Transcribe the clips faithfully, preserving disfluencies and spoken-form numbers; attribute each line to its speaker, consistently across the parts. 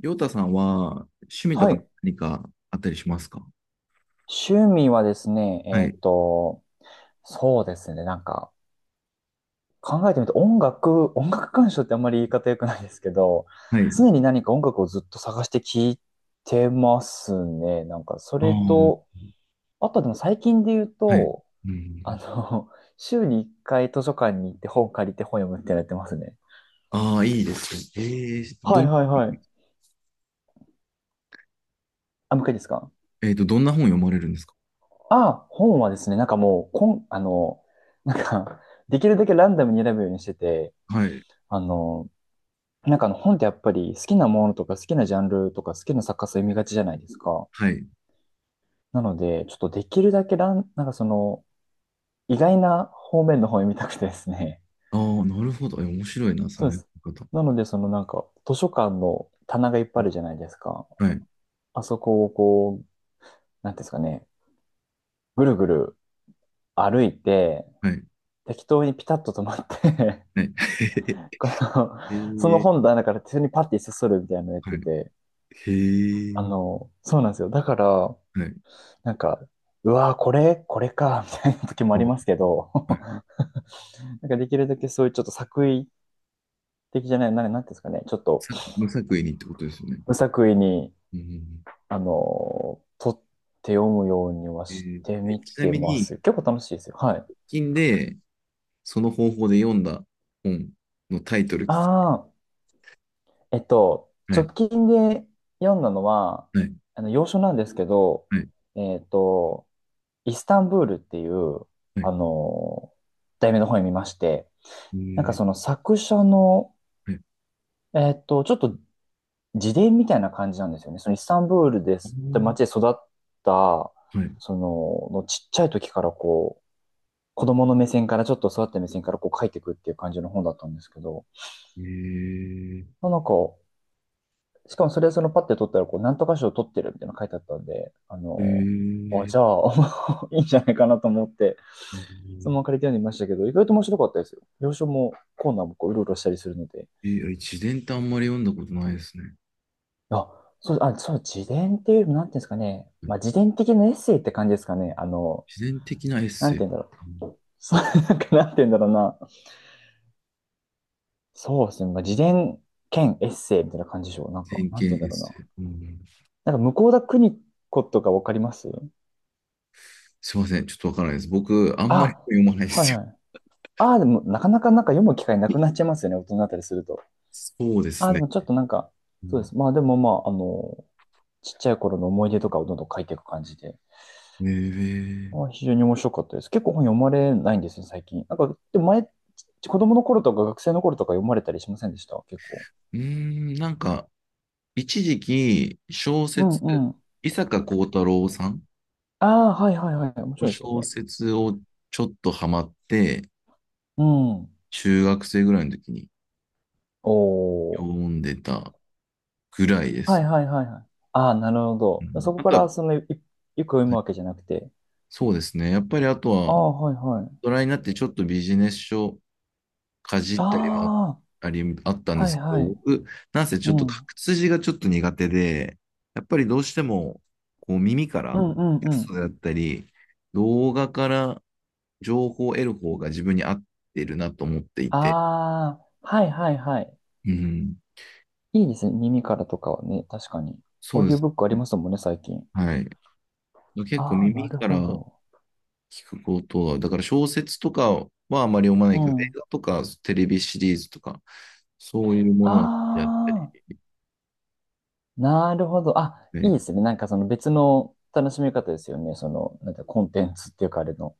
Speaker 1: りょうたさんは趣味と
Speaker 2: は
Speaker 1: か
Speaker 2: い。
Speaker 1: 何かあったりしますか？
Speaker 2: 趣味はですね、
Speaker 1: は
Speaker 2: え
Speaker 1: い。
Speaker 2: っと、そうですね、なんか、考えてみて、音楽、音楽鑑賞ってあんまり言い方良くないですけど、
Speaker 1: は
Speaker 2: 常
Speaker 1: い。
Speaker 2: に何か音楽をずっと探して聴いてますね。なんか、そ
Speaker 1: あ
Speaker 2: れ
Speaker 1: ー、
Speaker 2: と、あとでも最近で言う
Speaker 1: はい。
Speaker 2: と、
Speaker 1: う
Speaker 2: あ
Speaker 1: ん。
Speaker 2: の、週にいっかい図書館に行って本借りて本読むってやってますね。
Speaker 1: ああ、いいですね。えー、ど
Speaker 2: はい
Speaker 1: ん、
Speaker 2: はいはい。あ、もう一回ですか。
Speaker 1: えっと、どんな本読まれるんですか？
Speaker 2: あ、本はですね、なんかもう、こん、あの、なんか、できるだけランダムに選ぶようにしてて、
Speaker 1: はい。
Speaker 2: あの、なんかあの本ってやっぱり好きなものとか好きなジャンルとか好きな作家さん読みがちじゃないですか。
Speaker 1: はい。
Speaker 2: なので、ちょっとできるだけラン、なんかその意外な方面の方を読みたくてですね。
Speaker 1: ああ、なるほど。え、面白いな、そ
Speaker 2: そう
Speaker 1: の
Speaker 2: で
Speaker 1: やり
Speaker 2: す。
Speaker 1: 方。
Speaker 2: なので、そのなんか図書館の棚がいっぱいあるじゃないですか。
Speaker 1: はい。
Speaker 2: あそこをこう、なんていうんですかね、ぐるぐる歩いて、
Speaker 1: はい。
Speaker 2: 適当にピタッと止まって
Speaker 1: はい。
Speaker 2: この、その
Speaker 1: へえ。
Speaker 2: 本棚から手にパッて一冊取るみたいなのやっ
Speaker 1: は
Speaker 2: て
Speaker 1: い。
Speaker 2: て、
Speaker 1: へ
Speaker 2: あ
Speaker 1: え。
Speaker 2: の、そうなんですよ。だから、
Speaker 1: はい。
Speaker 2: なんか、うわー、これ、これか、みたいな時もあ
Speaker 1: あ、
Speaker 2: り
Speaker 1: はい。
Speaker 2: ますけど、なんかできるだけそういうちょっと作為的じゃない、なんなんていうんですかね、ちょっと
Speaker 1: さ無作為にってことですよね。
Speaker 2: 無作為に、
Speaker 1: うん。
Speaker 2: あのー、取って読むようには
Speaker 1: え
Speaker 2: し
Speaker 1: ー、
Speaker 2: て
Speaker 1: え
Speaker 2: み
Speaker 1: ちな
Speaker 2: て
Speaker 1: み
Speaker 2: ま
Speaker 1: に、
Speaker 2: す。結構楽しいですよ。はい。
Speaker 1: 最近で、その方法で読んだ本のタイトル、
Speaker 2: ああ、えっと、
Speaker 1: は
Speaker 2: 直
Speaker 1: い。
Speaker 2: 近で読んだのは、
Speaker 1: はい。
Speaker 2: あの、洋書なんですけど、
Speaker 1: はい。
Speaker 2: えっと、イスタンブールっていう、
Speaker 1: はい。
Speaker 2: あのー題名の本を見まして、
Speaker 1: え
Speaker 2: なんか
Speaker 1: ー、
Speaker 2: その作者の、
Speaker 1: はい。
Speaker 2: えっと、ちょっと自伝みたいな感じなんですよね。そのイスタンブールで
Speaker 1: あ
Speaker 2: すって
Speaker 1: ー、
Speaker 2: 街で育った、
Speaker 1: はい。
Speaker 2: その、のちっちゃい時からこう、子供の目線からちょっと育った目線からこう書いていくっていう感じの本だったんですけど、
Speaker 1: えー、
Speaker 2: まあなんか、しかもそれそのパッて取ったらこう、なんとか賞取ってるみたいなの書いてあったんで、あ
Speaker 1: え
Speaker 2: の、あ、
Speaker 1: ー、え
Speaker 2: じゃ
Speaker 1: ー、
Speaker 2: あ いいんじゃないかなと思って、そのまま借りて読んでみましたけど、意外と面白かったですよ。要所もコーナーもこう、うろうろしたりするので、
Speaker 1: えー、自伝ってあんまり読んだことないですね。
Speaker 2: あ、そう、あ、そう、自伝っていうよりも、なんていうんですかね。
Speaker 1: うん。
Speaker 2: まあ、自伝的なエッセイって感じですかね。あの、
Speaker 1: 自伝的なエッ
Speaker 2: なん
Speaker 1: セ
Speaker 2: て
Speaker 1: イ。
Speaker 2: いうんだろう。
Speaker 1: うん。
Speaker 2: そう、なんか、なんていうんだろうな。そうですね。まあ、自伝兼エッセイみたいな感じでしょう。なん
Speaker 1: 自
Speaker 2: か、
Speaker 1: 伝
Speaker 2: な
Speaker 1: 系
Speaker 2: んていうん
Speaker 1: エ
Speaker 2: だ
Speaker 1: ッ
Speaker 2: ろうな。
Speaker 1: セイ。うん。
Speaker 2: なんか、向田邦子とかわかります
Speaker 1: すいません、ちょっとわからないです。僕、あんまり
Speaker 2: あ、
Speaker 1: 読まないで
Speaker 2: はい
Speaker 1: すよ。
Speaker 2: はい。ああ、でも、なかなかなんか読む機会なくなっちゃいますよね。大人になったりすると。
Speaker 1: そうで
Speaker 2: あ
Speaker 1: す
Speaker 2: あ、で
Speaker 1: ね。
Speaker 2: もちょっとなんか、
Speaker 1: う
Speaker 2: そうで
Speaker 1: ん。
Speaker 2: す。まあ、でもまあ、あの、ちっちゃい頃の思い出とかをどんどん書いていく感じで。
Speaker 1: えー、
Speaker 2: あ、非常に面白かったです。結構本読まれないんですよ、最近。なんか、でも前、子供の頃とか学生の頃とか読まれたりしませんでした結構？
Speaker 1: うーん、なんか、一時期、小
Speaker 2: うん
Speaker 1: 説、
Speaker 2: うん。
Speaker 1: 伊坂幸太郎さん
Speaker 2: ああ、はいはいはい。面
Speaker 1: の
Speaker 2: 白いですよ
Speaker 1: 小
Speaker 2: ね。
Speaker 1: 説をちょっとハマって、
Speaker 2: うん。
Speaker 1: 中学生ぐらいの時に
Speaker 2: お
Speaker 1: 読
Speaker 2: ー。
Speaker 1: んでたぐらいで
Speaker 2: はい
Speaker 1: す。
Speaker 2: はいはいはい。ああ、なる
Speaker 1: う
Speaker 2: ほど。
Speaker 1: ん、
Speaker 2: そこ
Speaker 1: あ
Speaker 2: か
Speaker 1: とは、
Speaker 2: ら、その、いよく読むわけじゃなくて。
Speaker 1: そうですね。やっぱりあと
Speaker 2: あ
Speaker 1: は、
Speaker 2: あ、はいはい。
Speaker 1: 大人になってちょっとビジネス書かじったりは
Speaker 2: あ
Speaker 1: あり、あったん
Speaker 2: あ、
Speaker 1: で
Speaker 2: はい
Speaker 1: すけ
Speaker 2: は
Speaker 1: ど、
Speaker 2: い。
Speaker 1: 僕、なんせち
Speaker 2: う
Speaker 1: ょっと書
Speaker 2: ん。
Speaker 1: く筋がちょっと苦手で、やっぱりどうしても、こう耳か
Speaker 2: う
Speaker 1: ら、
Speaker 2: んうん
Speaker 1: テ
Speaker 2: う
Speaker 1: スト
Speaker 2: ん。
Speaker 1: だったり、動画から情報を得る方が自分に合ってるなと思ってい
Speaker 2: あ
Speaker 1: て、
Speaker 2: あ、はいはいはい。
Speaker 1: うん、
Speaker 2: いいですね。耳からとかはね、確かに。
Speaker 1: そ
Speaker 2: オ
Speaker 1: う
Speaker 2: ー
Speaker 1: で
Speaker 2: ディオ
Speaker 1: す
Speaker 2: ブックあり
Speaker 1: ね。
Speaker 2: ますもんね、最近。
Speaker 1: はい。結構
Speaker 2: ああ、な
Speaker 1: 耳
Speaker 2: る
Speaker 1: か
Speaker 2: ほ
Speaker 1: ら
Speaker 2: ど。
Speaker 1: 聞くことは、だから小説とかはまあまり読まない
Speaker 2: う
Speaker 1: けど、映
Speaker 2: ん。
Speaker 1: 画とかテレビシリーズとか、そういうも
Speaker 2: あ
Speaker 1: のはやったり、
Speaker 2: あ、なるほど。あ、い
Speaker 1: ね、
Speaker 2: いですね。なんかその別の楽しみ方ですよね。その、なんてコンテンツっていうかあれの。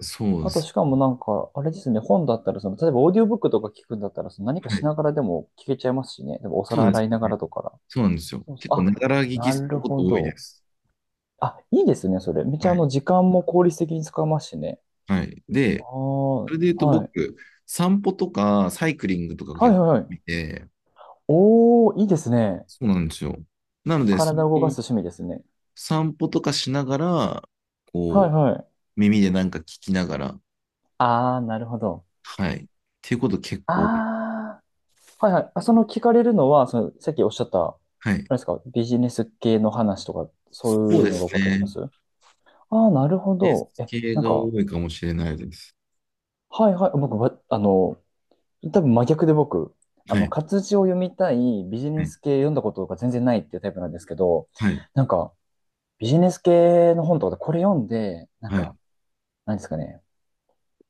Speaker 1: そうで
Speaker 2: あと
Speaker 1: す。
Speaker 2: しかもなんか、あれですね。本だったら、その、例えばオーディオブックとか聞くんだったら、その何か
Speaker 1: は
Speaker 2: し
Speaker 1: い。
Speaker 2: ながらでも聞けちゃいますしね。でもお
Speaker 1: そう
Speaker 2: 皿
Speaker 1: です
Speaker 2: 洗いなが
Speaker 1: ね。
Speaker 2: らとか。
Speaker 1: そうなんですよ。
Speaker 2: そうそう。
Speaker 1: 結構、
Speaker 2: あ、
Speaker 1: ながら聞き
Speaker 2: な
Speaker 1: す
Speaker 2: る
Speaker 1: ること
Speaker 2: ほ
Speaker 1: 多いで
Speaker 2: ど。
Speaker 1: す。
Speaker 2: あ、いいですね。それ。めっちゃ
Speaker 1: は
Speaker 2: あ
Speaker 1: い。
Speaker 2: の、時間も効率的に使えますしね。
Speaker 1: はい。
Speaker 2: ああ、
Speaker 1: で、それで言うと
Speaker 2: はい。
Speaker 1: 僕、散歩とかサイクリングとか
Speaker 2: は
Speaker 1: 結
Speaker 2: い
Speaker 1: 構
Speaker 2: はいはい。
Speaker 1: 見て、
Speaker 2: おー、いいですね。
Speaker 1: そうなんですよ。なので、その
Speaker 2: 体を動かす趣味ですね。
Speaker 1: 散歩とかしながら、
Speaker 2: は
Speaker 1: こ
Speaker 2: い
Speaker 1: う、
Speaker 2: はい。
Speaker 1: 耳でなんか聞きながら、
Speaker 2: ああ、なるほど。
Speaker 1: はい。っていうこと結構多い。
Speaker 2: ああ、はいはい。あ、その聞かれるのは、その、さっきおっしゃった、あ
Speaker 1: はい。
Speaker 2: れですか、ビジネス系の話とか、
Speaker 1: そ
Speaker 2: そう
Speaker 1: う
Speaker 2: いう
Speaker 1: で
Speaker 2: のが
Speaker 1: す
Speaker 2: 多かったりしま
Speaker 1: ね。
Speaker 2: すああー、なるほ
Speaker 1: ビジネ
Speaker 2: ど。
Speaker 1: ス
Speaker 2: え、
Speaker 1: 系
Speaker 2: なん
Speaker 1: が
Speaker 2: か、
Speaker 1: 多いかもしれないです。
Speaker 2: はいはい。僕、ばあの、多分真逆で僕、あ
Speaker 1: は
Speaker 2: の、
Speaker 1: い。
Speaker 2: 活字を読みたい、ビジ
Speaker 1: は
Speaker 2: ネ
Speaker 1: い。
Speaker 2: ス系読んだことが全然ないっていうタイプなんですけど、
Speaker 1: はい。
Speaker 2: なんか、ビジネス系の本とかでこれ読んで、なん
Speaker 1: はい。
Speaker 2: か、なんですかね、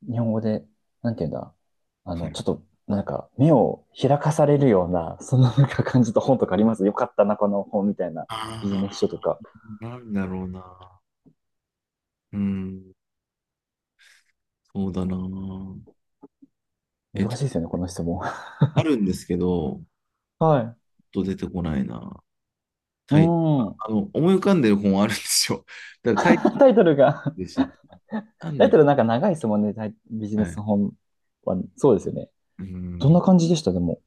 Speaker 2: 日本語で、なんていうんだ、あ
Speaker 1: は
Speaker 2: の、ち
Speaker 1: い。
Speaker 2: ょっと、なんか、目を開かされるような、そんななんか感じた本とかありますよかったな、この本みたいな
Speaker 1: あ
Speaker 2: ビジネス書と
Speaker 1: あ、
Speaker 2: か。
Speaker 1: なんだろうな。うん。そうだな。えっ
Speaker 2: 難
Speaker 1: と、
Speaker 2: しいですよね、この質問。
Speaker 1: あるんですけど、
Speaker 2: はい。
Speaker 1: ちょっと出てこないな。
Speaker 2: うー
Speaker 1: タイ、
Speaker 2: ん。
Speaker 1: あの、思い浮かんでる本あるんですよ。だからタイ
Speaker 2: タイトルが
Speaker 1: でし ょ。なん
Speaker 2: タ
Speaker 1: だ
Speaker 2: イ
Speaker 1: っ
Speaker 2: ト
Speaker 1: け、
Speaker 2: ルなんか長いですもんね、タイビジネ
Speaker 1: は
Speaker 2: ス
Speaker 1: い。
Speaker 2: 本は。そうですよね。
Speaker 1: う
Speaker 2: どん
Speaker 1: ん。
Speaker 2: な感じでした、でも、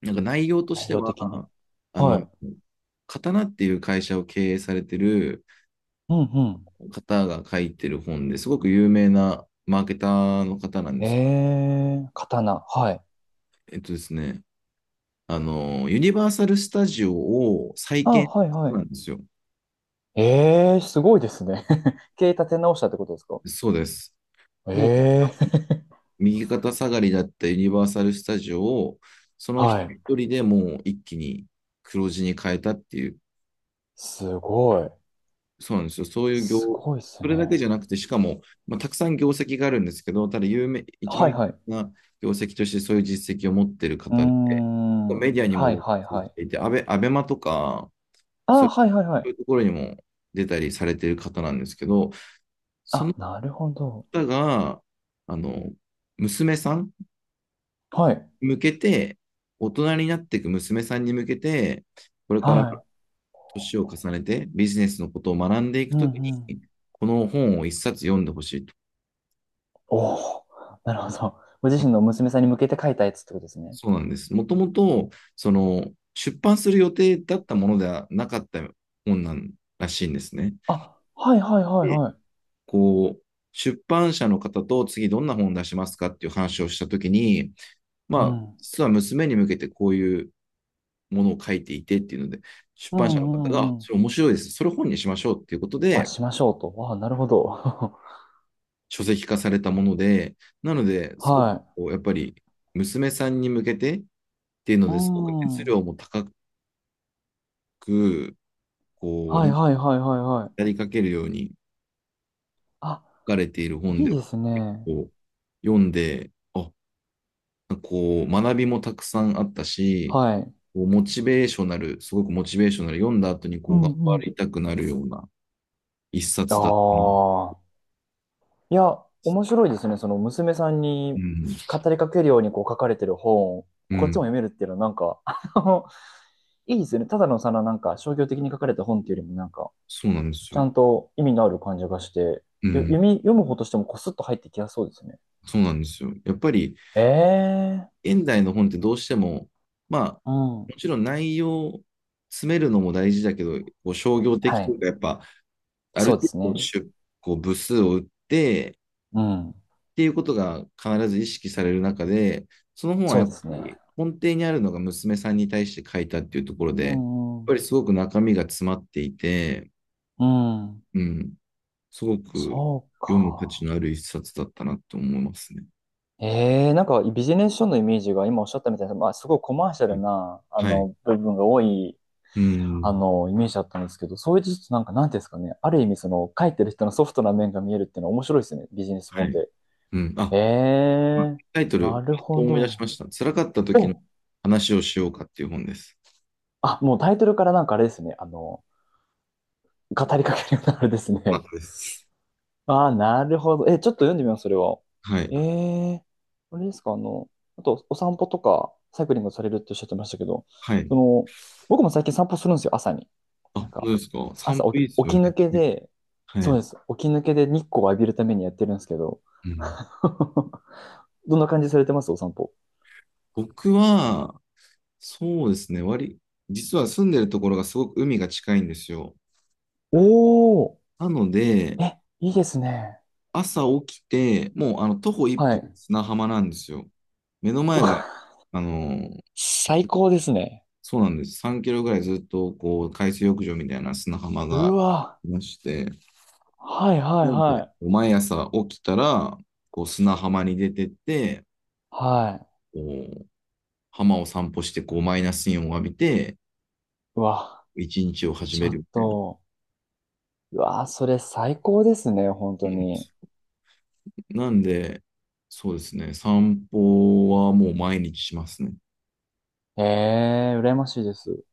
Speaker 1: なんか内容とし
Speaker 2: 内
Speaker 1: て
Speaker 2: 容
Speaker 1: は、
Speaker 2: 的に。
Speaker 1: あ
Speaker 2: は
Speaker 1: の、
Speaker 2: い。
Speaker 1: 刀っていう会社を経営されてる、
Speaker 2: うんう
Speaker 1: 方が書いてる本ですごく有名なマーケターの方なん
Speaker 2: ん。
Speaker 1: ですけ
Speaker 2: えー、刀。はい。
Speaker 1: ど、えっとですね、あの、ユニバーサル・スタジオを再
Speaker 2: あ、
Speaker 1: 建
Speaker 2: はいは
Speaker 1: な
Speaker 2: い。
Speaker 1: んですよ。
Speaker 2: えー、すごいですね。経営立て直したってことですか？
Speaker 1: そうです。もう
Speaker 2: えー、
Speaker 1: 右肩下がりだったユニバーサル・スタジオを、その人
Speaker 2: はい。
Speaker 1: 一人でもう一気に黒字に変えたっていう、
Speaker 2: すごい。
Speaker 1: そうなんですよ。そういう業、
Speaker 2: すごいっす
Speaker 1: それだけ
Speaker 2: ね。
Speaker 1: じゃなくて、しかも、まあ、たくさん業績があるんですけど、ただ有名、一
Speaker 2: は
Speaker 1: 番
Speaker 2: い
Speaker 1: 有
Speaker 2: はい。
Speaker 1: 名な業績としてそういう実績を持ってる
Speaker 2: うー
Speaker 1: 方で、
Speaker 2: ん。
Speaker 1: メディアにも
Speaker 2: はい
Speaker 1: 露
Speaker 2: はい
Speaker 1: 出
Speaker 2: は
Speaker 1: し
Speaker 2: い。
Speaker 1: ていて、アベ、アベマとか、
Speaker 2: あ
Speaker 1: そ
Speaker 2: あ、
Speaker 1: う
Speaker 2: はいはいは
Speaker 1: い
Speaker 2: い。
Speaker 1: うところにも出たりされてる方なんですけど、そ
Speaker 2: あ、
Speaker 1: の
Speaker 2: なるほど。
Speaker 1: 方が、あの、娘さん
Speaker 2: はい。
Speaker 1: に向けて、大人になっていく娘さんに向けて、これから
Speaker 2: は
Speaker 1: 年を重ねてビジネスのことを学んでい
Speaker 2: い。
Speaker 1: く
Speaker 2: うん
Speaker 1: とき
Speaker 2: うん。
Speaker 1: に、この本を一冊読んでほしいと。
Speaker 2: おお、なるほど。ご自身の娘さんに向けて書いたやつってことですね。
Speaker 1: そうなんです。もともと、その、出版する予定だったものではなかった本なんらしいんですね。
Speaker 2: あ、はいはいはい
Speaker 1: で、
Speaker 2: はい。
Speaker 1: こう、出版社の方と次どんな本出しますかっていう話をしたときに、
Speaker 2: う
Speaker 1: まあ、
Speaker 2: ん。
Speaker 1: 実は娘に向けてこういうものを書いていてっていうので、出
Speaker 2: う
Speaker 1: 版社の方が、
Speaker 2: んう
Speaker 1: あ、
Speaker 2: んうん。
Speaker 1: それ面白いです。それ本にしましょうっていうこと
Speaker 2: あ、
Speaker 1: で、
Speaker 2: しましょうと。あ、なるほど。
Speaker 1: 書籍化されたもので、なので、すごく
Speaker 2: はい。
Speaker 1: こう、やっぱり、娘さんに向けてっていうの
Speaker 2: う
Speaker 1: ですごく熱
Speaker 2: ん。
Speaker 1: 量も高く、こう、
Speaker 2: は
Speaker 1: な
Speaker 2: い
Speaker 1: ん、
Speaker 2: はいはいはいはい。
Speaker 1: やりかけるように
Speaker 2: あ、
Speaker 1: 書かれている本
Speaker 2: いい
Speaker 1: で、
Speaker 2: です
Speaker 1: 結
Speaker 2: ね。
Speaker 1: 構読んで、あ、こう、学びもたくさんあったし、
Speaker 2: はい。
Speaker 1: こうモチベーショナル、すごくモチベーショナル、読んだ後に
Speaker 2: う
Speaker 1: こう頑張
Speaker 2: んうん。
Speaker 1: りたくなるような一
Speaker 2: あ
Speaker 1: 冊だったな。
Speaker 2: あ。いや、面白いですね。その娘さん
Speaker 1: う
Speaker 2: に
Speaker 1: ん、
Speaker 2: 語りかけるようにこう書かれてる本を、
Speaker 1: う
Speaker 2: こっちも
Speaker 1: ん、
Speaker 2: 読めるっていうのはなんか、あの、いいですよね。ただのそのなんか商業的に書かれた本っていうよりもなんか、
Speaker 1: そうなんです
Speaker 2: ち
Speaker 1: よ。
Speaker 2: ゃんと意味のある感じがして、
Speaker 1: う
Speaker 2: よ読
Speaker 1: ん、
Speaker 2: み、読む方としてもこすっと入ってきやすそうですね。
Speaker 1: そうなんですよ。やっぱり、
Speaker 2: ええ。
Speaker 1: 現代の本ってどうしても、まあ、
Speaker 2: うん。
Speaker 1: もちろん内容、詰めるのも大事だけど、こう商業的
Speaker 2: は
Speaker 1: とい
Speaker 2: い。
Speaker 1: うか、やっぱ、ある
Speaker 2: そうで
Speaker 1: 程
Speaker 2: す
Speaker 1: 度
Speaker 2: ね。
Speaker 1: 出こう部数を打って、
Speaker 2: うん。
Speaker 1: っていうことが必ず意識される中で、その本は
Speaker 2: そ
Speaker 1: や
Speaker 2: う
Speaker 1: っ
Speaker 2: で
Speaker 1: ぱ
Speaker 2: すね。
Speaker 1: り根底にあるのが娘さんに対して書いたっていうところ
Speaker 2: う
Speaker 1: で、やっ
Speaker 2: んう
Speaker 1: ぱり
Speaker 2: ん。
Speaker 1: すごく中身が詰まっていて、
Speaker 2: うん。
Speaker 1: うん、すごく
Speaker 2: そう
Speaker 1: 読む価
Speaker 2: か。
Speaker 1: 値のある一冊だったなと思いますね。
Speaker 2: ええ、なんかビジネス書のイメージが今おっしゃったみたいな、まあ、すごいコマーシャ
Speaker 1: う
Speaker 2: ル
Speaker 1: ん。
Speaker 2: な、あ
Speaker 1: はい。
Speaker 2: の、部分が多い、
Speaker 1: う
Speaker 2: あ
Speaker 1: ん。
Speaker 2: の、イメージだったんですけど、そういうちょっとなんか、なんていうんですかね、ある意味その、書いてる人のソフトな面が見えるっていうのは面白いですね、ビジネス
Speaker 1: は
Speaker 2: 本
Speaker 1: い。
Speaker 2: で。
Speaker 1: うん。
Speaker 2: え
Speaker 1: あ、
Speaker 2: え、
Speaker 1: タイト
Speaker 2: な
Speaker 1: ル、
Speaker 2: る
Speaker 1: パッと
Speaker 2: ほ
Speaker 1: 思い出し
Speaker 2: ど。
Speaker 1: ました。辛かった時の
Speaker 2: お、
Speaker 1: 話をしようかっていう本です。
Speaker 2: あ、もうタイトルからなんかあれですね、あの、語りかけるようなあれです
Speaker 1: そう
Speaker 2: ね。
Speaker 1: です。
Speaker 2: ああ、なるほど。え、ちょっと読んでみます、それは。
Speaker 1: は
Speaker 2: え
Speaker 1: い。
Speaker 2: え、あれですか、あの、あと、お散歩とか、サイクリングされるっておっしゃってましたけど、
Speaker 1: はい。
Speaker 2: その、僕も最近散歩するんですよ、朝に。
Speaker 1: あ、
Speaker 2: なん
Speaker 1: 本当
Speaker 2: か、
Speaker 1: ですか。散
Speaker 2: 朝
Speaker 1: 歩
Speaker 2: 起
Speaker 1: い
Speaker 2: き、
Speaker 1: いで
Speaker 2: 起
Speaker 1: すよ
Speaker 2: き
Speaker 1: ね。
Speaker 2: 抜けで、
Speaker 1: は
Speaker 2: そう
Speaker 1: い。
Speaker 2: です、起き抜けで日光を浴びるためにやってるんですけど、
Speaker 1: うん、
Speaker 2: どんな感じされてます、お散歩。
Speaker 1: 僕は、そうですね。割、実は住んでるところがすごく海が近いんですよ。
Speaker 2: おー。
Speaker 1: なので、
Speaker 2: え、いいですね。
Speaker 1: 朝起きて、もうあの徒歩一
Speaker 2: は
Speaker 1: 歩
Speaker 2: い。
Speaker 1: 砂浜なんですよ。目の前が、あの、
Speaker 2: 最高ですね。
Speaker 1: そうなんです。さんキロぐらいずっとこう海水浴場みたいな砂浜
Speaker 2: う
Speaker 1: があ
Speaker 2: わ、
Speaker 1: りまして、
Speaker 2: はいはい
Speaker 1: なの
Speaker 2: は
Speaker 1: で、
Speaker 2: い。
Speaker 1: 毎朝起きたら、こう砂浜に出てって、
Speaker 2: はい。
Speaker 1: こう浜を散歩して、こうマイナスイオンを浴びて、
Speaker 2: うわ、
Speaker 1: 一日を始
Speaker 2: ちょ
Speaker 1: める
Speaker 2: っ
Speaker 1: みたいな。
Speaker 2: と。うわあ、それ最高ですね、本
Speaker 1: う
Speaker 2: 当
Speaker 1: ん、
Speaker 2: に。
Speaker 1: なんで、そうですね、散歩はもう毎日しますね。
Speaker 2: ええ、羨ましいです。